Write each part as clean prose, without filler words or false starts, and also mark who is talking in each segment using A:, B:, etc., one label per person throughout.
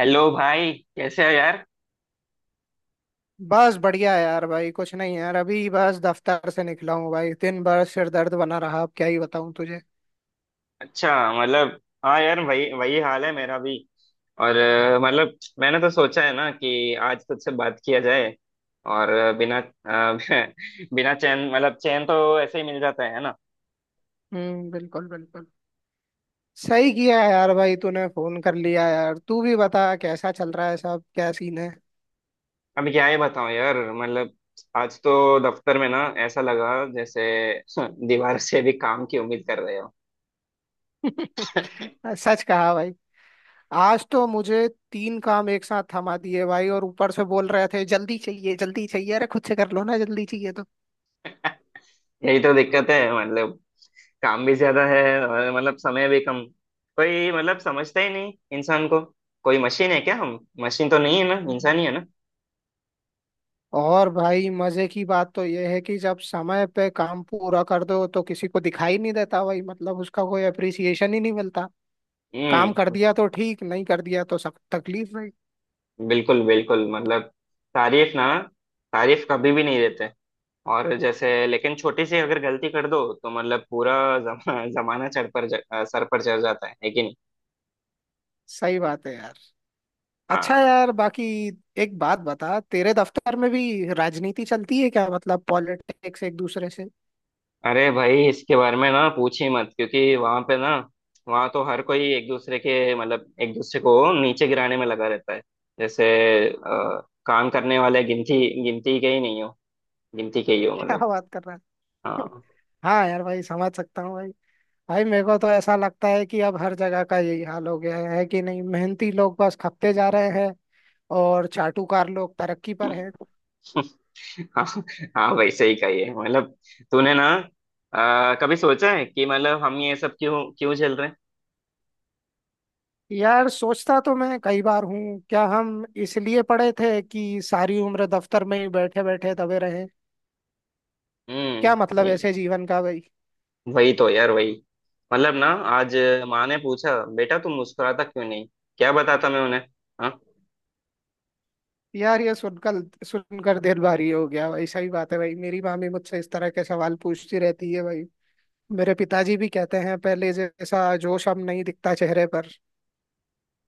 A: Hello भाई, कैसे हो यार।
B: बस बढ़िया है यार। भाई कुछ नहीं यार, अभी बस दफ्तर से निकला हूँ भाई। दिन भर सिर दर्द बना रहा, अब क्या ही बताऊँ तुझे।
A: अच्छा। मतलब। हाँ यार, वही वही हाल है मेरा भी। और मतलब, मैंने तो सोचा है ना कि आज तुझसे बात किया जाए। और बिना बिना चैन, मतलब चैन तो ऐसे ही मिल जाता है ना।
B: हम्म, बिल्कुल बिल्कुल। सही किया है यार भाई, तूने फोन कर लिया यार। तू भी बता कैसा चल रहा है सब, क्या सीन है?
A: अभी क्या ही बताऊं यार। मतलब आज तो दफ्तर में ना ऐसा लगा जैसे दीवार से भी काम की उम्मीद कर रहे हो।
B: सच कहा भाई। आज तो मुझे तीन काम एक साथ थमा दिए भाई, और ऊपर से बोल रहे थे जल्दी चाहिए जल्दी चाहिए। अरे खुद से कर लो ना, जल्दी चाहिए।
A: यही तो दिक्कत है, मतलब काम भी ज्यादा है और मतलब समय भी कम। कोई मतलब समझता ही नहीं इंसान को। कोई मशीन है क्या? हम मशीन तो नहीं है ना, इंसान ही है
B: तो
A: ना।
B: और भाई मजे की बात तो यह है कि जब समय पे काम पूरा कर दो तो किसी को दिखाई नहीं देता भाई, मतलब उसका कोई अप्रिसिएशन ही नहीं मिलता। काम कर
A: हम्म,
B: दिया तो ठीक, नहीं कर दिया तो सब तकलीफ भाई।
A: बिल्कुल बिल्कुल। मतलब तारीफ ना, तारीफ कभी भी नहीं देते। और जैसे, लेकिन छोटी सी अगर गलती कर दो तो मतलब पूरा जमाना चढ़ पर सर पर चढ़ जाता है, लेकिन।
B: सही बात है यार। अच्छा यार, बाकी एक बात बता, तेरे दफ्तर में भी राजनीति चलती है क्या? मतलब पॉलिटिक्स, एक दूसरे से
A: अरे भाई, इसके बारे में ना पूछ ही मत, क्योंकि वहां पे ना, वहां तो हर कोई एक दूसरे के, मतलब एक दूसरे को नीचे गिराने में लगा रहता है। जैसे काम करने वाले गिनती गिनती के ही नहीं हो, गिनती के ही हो,
B: क्या
A: मतलब।
B: बात कर रहा है।
A: हाँ।
B: हाँ यार भाई, समझ सकता हूँ भाई। भाई मेरे को तो ऐसा लगता है कि अब हर जगह का यही हाल हो गया है कि नहीं, मेहनती लोग बस खपते जा रहे हैं और चाटुकार लोग तरक्की पर हैं।
A: हाँ। हाँ वैसे ही कही है, मतलब तूने ना कभी सोचा है कि मतलब हम ये सब क्यों क्यों झेल रहे हैं?
B: यार सोचता तो मैं कई बार हूँ, क्या हम इसलिए पढ़े थे कि सारी उम्र दफ्तर में ही बैठे बैठे दबे रहें? क्या
A: हम्म
B: मतलब
A: ये-
B: ऐसे जीवन का भाई।
A: वही तो यार, वही मतलब ना। आज माँ ने पूछा, बेटा तुम मुस्कुराता क्यों नहीं? क्या बताता मैं उन्हें? हाँ?
B: यार ये सुनकर सुनकर दिल भारी हो गया भाई। सही बात है भाई, मेरी माँ भी मुझसे इस तरह के सवाल पूछती रहती है भाई। मेरे पिताजी भी कहते हैं पहले जैसा जोश अब नहीं दिखता चेहरे पर।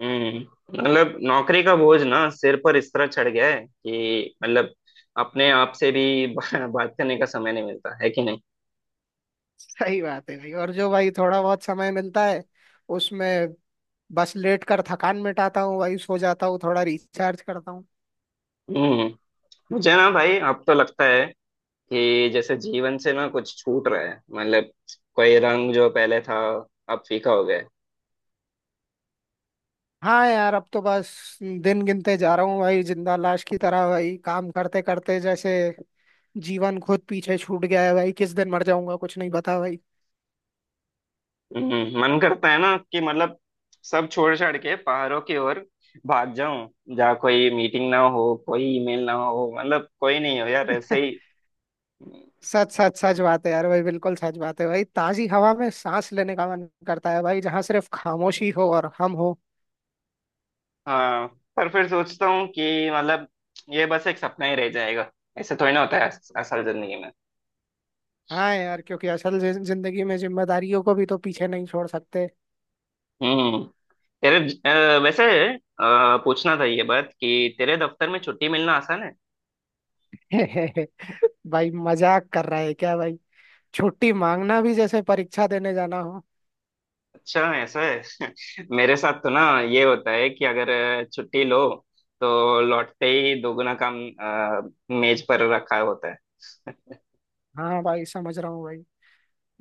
A: हम्म। मतलब नौकरी का बोझ ना सिर पर इस तरह चढ़ गया है कि मतलब अपने आप से भी बात करने का समय नहीं मिलता है, कि नहीं।
B: सही बात है भाई, और जो भाई थोड़ा बहुत समय मिलता है उसमें बस लेट कर थकान मिटाता हूँ भाई, सो जाता हूँ, थोड़ा रिचार्ज करता हूँ।
A: हम्म। मुझे ना भाई अब तो लगता है कि जैसे जीवन से ना कुछ छूट रहा है, मतलब कोई रंग जो पहले था अब फीका हो गया है।
B: हाँ यार, अब तो बस दिन गिनते जा रहा हूँ भाई, जिंदा लाश की तरह भाई, काम करते करते जैसे जीवन खुद पीछे छूट गया है भाई। किस दिन मर जाऊंगा कुछ नहीं पता भाई।
A: हम्म। मन करता है ना कि मतलब सब छोड़ छाड़ के पहाड़ों की ओर भाग जाऊं, जहाँ कोई मीटिंग ना हो, कोई ईमेल ना हो, मतलब कोई नहीं हो यार ऐसे ही।
B: सच सच सच बात है यार भाई, बिल्कुल सच बात है भाई। ताजी हवा में सांस लेने का मन करता है भाई, जहाँ सिर्फ खामोशी हो और हम हो।
A: हाँ, पर फिर सोचता हूँ कि मतलब ये बस एक सपना ही रह जाएगा। ऐसे थोड़ी ना होता है असल जिंदगी में।
B: हाँ यार, क्योंकि असल जिंदगी में जिम्मेदारियों को भी तो पीछे नहीं छोड़ सकते।
A: हम्म। तेरे वैसे पूछना था ये बात कि तेरे दफ्तर में छुट्टी मिलना आसान है?
B: भाई मजाक कर रहा है क्या भाई? छुट्टी मांगना भी जैसे परीक्षा देने जाना हो।
A: अच्छा, ऐसा है। मेरे साथ तो ना ये होता है कि अगर छुट्टी लो तो लौटते ही दोगुना काम मेज पर रखा होता है।
B: हाँ भाई, समझ रहा हूँ भाई।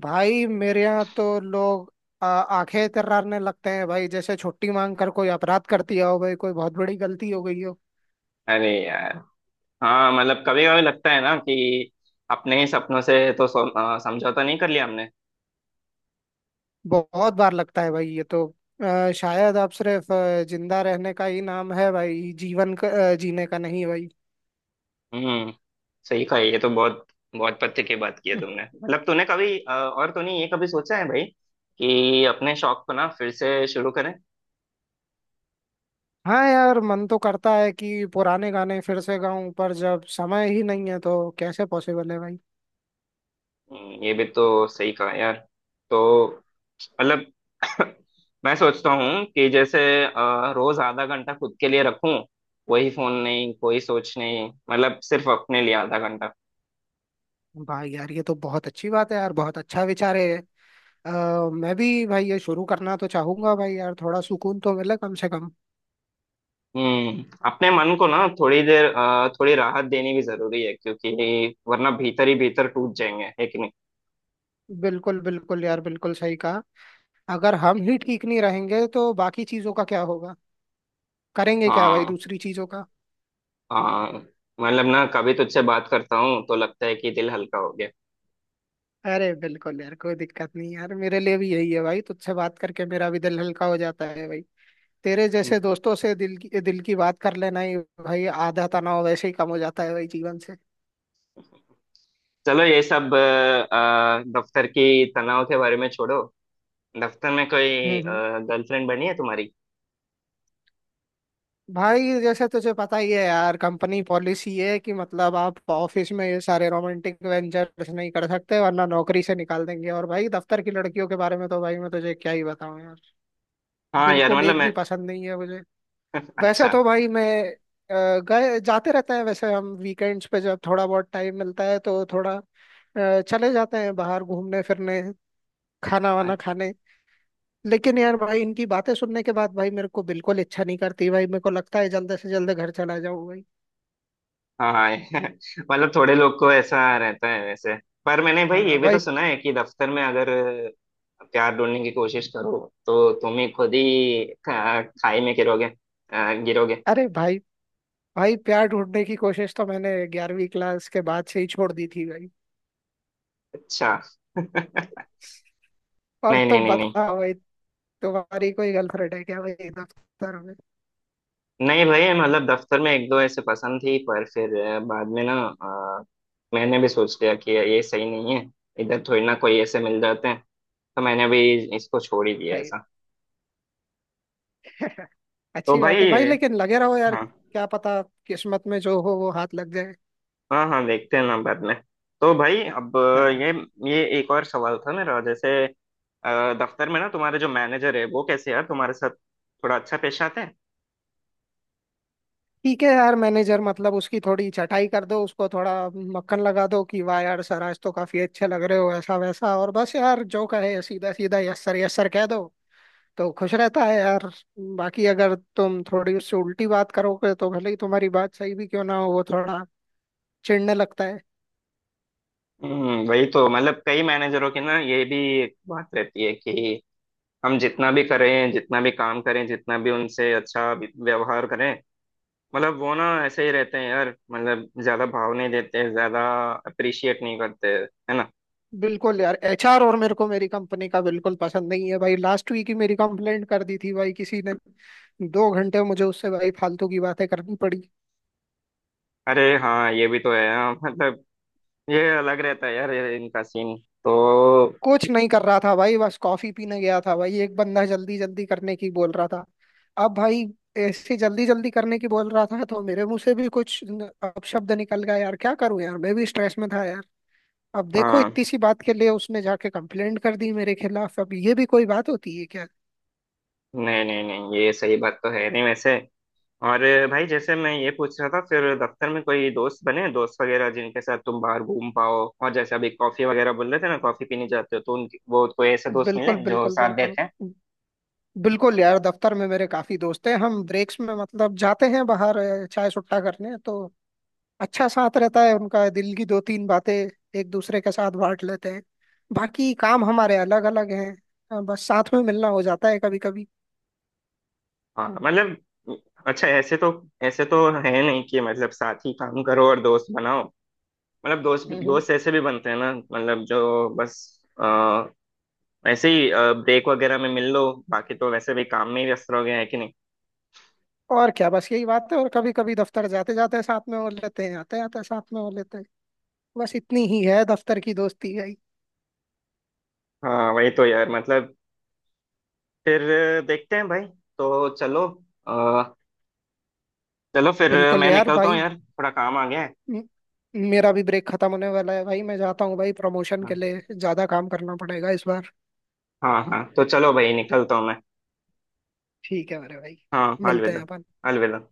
B: भाई मेरे यहाँ तो लोग आंखें तर्रारने लगते हैं भाई, जैसे छुट्टी मांग कर कोई अपराध कर दिया हो भाई, कोई बहुत बड़ी गलती हो गई हो।
A: अरे यार। हाँ मतलब कभी कभी लगता है ना कि अपने ही सपनों से तो समझौता नहीं कर लिया हमने।
B: बहुत बार लगता है भाई ये तो शायद अब सिर्फ जिंदा रहने का ही नाम है भाई, जीवन का, जीने का नहीं भाई।
A: हम्म, सही कहा। ये तो बहुत बहुत पते की बात की है तुमने, मतलब तूने कभी और तूने ये कभी सोचा है भाई कि अपने शौक को ना फिर से शुरू करें?
B: हाँ यार, मन तो करता है कि पुराने गाने फिर से गाऊं, पर जब समय ही नहीं है तो कैसे पॉसिबल है भाई?
A: ये भी तो सही कहा यार। तो मतलब मैं सोचता हूँ कि जैसे रोज आधा घंटा खुद के लिए रखूं। कोई फोन नहीं, कोई सोच नहीं, मतलब सिर्फ अपने लिए आधा घंटा।
B: भाई यार, ये तो बहुत अच्छी बात है यार, बहुत अच्छा विचार है। अ, मैं भी भाई ये शुरू करना तो चाहूंगा भाई यार, थोड़ा सुकून तो मिले कम से कम।
A: हम्म। अपने मन को ना थोड़ी देर थोड़ी राहत देनी भी जरूरी है, क्योंकि वरना भीतर ही भीतर टूट जाएंगे, है कि नहीं।
B: बिल्कुल बिल्कुल यार, बिल्कुल सही कहा। अगर हम ही ठीक नहीं रहेंगे तो बाकी चीजों का क्या होगा? करेंगे क्या भाई
A: हाँ।
B: दूसरी चीजों का?
A: हाँ मतलब ना, कभी तुझसे बात करता हूँ तो लगता है कि दिल हल्का हो गया।
B: अरे बिल्कुल यार, कोई दिक्कत नहीं यार, मेरे लिए भी यही है भाई, तुझसे बात करके मेरा भी दिल हल्का हो जाता है भाई। तेरे जैसे दोस्तों से दिल की बात कर लेना ही भाई, आधा तनाव वैसे ही कम हो जाता है भाई जीवन से।
A: चलो ये सब दफ्तर की तनाव के बारे में छोड़ो। दफ्तर में कोई
B: हम्म।
A: गर्लफ्रेंड बनी है तुम्हारी?
B: भाई जैसे तुझे पता ही है यार, कंपनी पॉलिसी है कि मतलब आप ऑफिस में ये सारे रोमांटिक वेंचर्स नहीं कर सकते, वरना नौकरी से निकाल देंगे। और भाई दफ्तर की लड़कियों के बारे में तो भाई मैं तुझे क्या ही बताऊं यार,
A: हाँ यार
B: बिल्कुल
A: मतलब
B: एक भी
A: मैं।
B: पसंद नहीं है मुझे। वैसे
A: अच्छा।
B: तो भाई मैं गए जाते रहते हैं, वैसे हम वीकेंड्स पे जब थोड़ा बहुत टाइम मिलता है तो थोड़ा चले जाते हैं बाहर घूमने फिरने, खाना
A: हाँ
B: वाना खाने। लेकिन यार भाई इनकी बातें सुनने के बाद भाई मेरे को बिल्कुल इच्छा नहीं करती भाई, मेरे को लगता है जल्दी से जल्दी घर चला जाऊं भाई।
A: हाँ। मतलब थोड़े लोग को ऐसा रहता है वैसे। पर मैंने भाई ये
B: हाँ
A: भी तो
B: भाई।
A: सुना है कि दफ्तर में अगर प्यार ढूंढने की कोशिश करो तो तुम ही खुद ही खाई में गिरोगे, गिरोगे।
B: अरे भाई, भाई प्यार ढूंढने की कोशिश तो मैंने 11वीं क्लास के बाद से ही छोड़ दी थी भाई।
A: अच्छा। नहीं।
B: और
A: नहीं
B: तुम
A: नहीं।
B: बताओ भाई, तुम्हारी कोई गर्लफ्रेंड है क्या भाई दफ्तर में?
A: नहीं भाई मतलब दफ्तर में एक दो ऐसे पसंद थी, पर फिर बाद में ना अ, मैंने भी सोच लिया कि ये सही नहीं है। इधर थोड़ी ना कोई ऐसे मिल जाते हैं, तो मैंने भी इसको छोड़ ही दिया
B: भाई
A: ऐसा। तो
B: अच्छी बात
A: भाई।
B: है भाई, लेकिन लगे रहो यार,
A: हाँ।
B: क्या पता किस्मत में जो हो वो हाथ लग जाए।
A: हाँ हाँ, देखते हैं ना बाद में। तो भाई, अब
B: हाँ हाँ।
A: ये ये एक और सवाल था मेरा, जैसे दफ्तर में ना तुम्हारे जो मैनेजर है वो कैसे यार तुम्हारे साथ, थोड़ा अच्छा पेश आते हैं?
B: ठीक है यार, मैनेजर मतलब उसकी थोड़ी चटाई कर दो, उसको थोड़ा मक्खन लगा दो कि वाह यार सर आज तो काफी अच्छे लग रहे हो, ऐसा वैसा, और बस यार जो कहे सीधा सीधा यस सर कह दो तो खुश रहता है यार। बाकी अगर तुम थोड़ी उससे उल्टी बात करोगे तो भले ही तुम्हारी बात सही भी क्यों ना हो, वो थोड़ा चिढ़ने लगता है।
A: हम्म, वही तो मतलब। कई मैनेजरों की ना ये भी एक बात रहती है कि हम जितना भी करें, जितना भी काम करें, जितना भी उनसे अच्छा व्यवहार करें, मतलब वो ना ऐसे ही रहते हैं यार। मतलब ज्यादा भाव नहीं देते, ज्यादा अप्रिशिएट नहीं करते, है ना।
B: बिल्कुल यार, एचआर और मेरे को मेरी कंपनी का बिल्कुल पसंद नहीं है भाई। लास्ट वीक ही मेरी कंप्लेंट कर दी थी भाई किसी ने, 2 घंटे मुझे उससे भाई फालतू की बातें करनी पड़ी।
A: अरे हाँ, ये भी तो है। हाँ, मतलब ये अलग रहता है यार, ये इनका सीन। तो।
B: कुछ नहीं कर रहा था भाई, बस कॉफी पीने गया था भाई, एक बंदा जल्दी जल्दी करने की बोल रहा था, अब भाई ऐसे जल्दी जल्दी करने की बोल रहा था तो मेरे मुंह से भी कुछ अपशब्द निकल गया यार, क्या करूं यार मैं भी स्ट्रेस में था यार। अब देखो
A: हाँ।
B: इतनी सी बात के लिए उसने जाके कंप्लेंट कर दी मेरे खिलाफ, अब ये भी कोई बात होती है क्या?
A: नहीं नहीं, नहीं ये सही बात तो है नहीं वैसे। और भाई जैसे मैं ये पूछ रहा था, फिर दफ्तर में कोई दोस्त बने, दोस्त वगैरह जिनके साथ तुम बाहर घूम पाओ। और जैसे अभी कॉफी वगैरह बोल रहे थे ना, कॉफी पीने जाते हो तो उनके, वो कोई ऐसे दोस्त मिले
B: बिल्कुल
A: जो
B: बिल्कुल
A: साथ
B: बिल्कुल।
A: देते हैं?
B: बिल्कुल यार, दफ्तर में मेरे काफी दोस्त हैं, हम ब्रेक्स में मतलब जाते हैं बाहर चाय सुट्टा करने तो। अच्छा साथ रहता है उनका, दिल की दो तीन बातें एक दूसरे के साथ बांट लेते हैं। बाकी काम हमारे अलग अलग हैं, बस साथ में मिलना हो जाता है कभी कभी।
A: हाँ मतलब, अच्छा, ऐसे तो, ऐसे तो है नहीं कि मतलब साथ ही काम करो और दोस्त बनाओ। मतलब दोस्त
B: हम्म हम्म।
A: दोस्त ऐसे भी बनते हैं ना, मतलब जो बस आ, ऐसे ही ब्रेक वगैरह में मिल लो। बाकी तो वैसे भी काम में ही व्यस्त रहोगे, है कि नहीं।
B: और क्या, बस यही बात है, और कभी कभी दफ्तर जाते जाते साथ में हो लेते हैं, आते आते साथ में हो लेते हैं। बस इतनी ही है दफ्तर की दोस्ती।
A: हाँ वही तो यार, मतलब फिर देखते हैं भाई। तो चलो, चलो फिर
B: बिल्कुल
A: मैं
B: यार
A: निकलता हूँ
B: भाई।
A: यार, थोड़ा काम आ गया है।
B: म- मेरा भी ब्रेक खत्म होने वाला है भाई, मैं जाता हूँ भाई, प्रमोशन के
A: हाँ।
B: लिए ज्यादा काम करना पड़ेगा इस बार।
A: हाँ हाँ, तो चलो भाई, निकलता हूँ मैं।
B: ठीक है मेरे भाई,
A: हाँ,
B: मिलते हैं
A: अलविदा।
B: अपन।
A: अलविदा।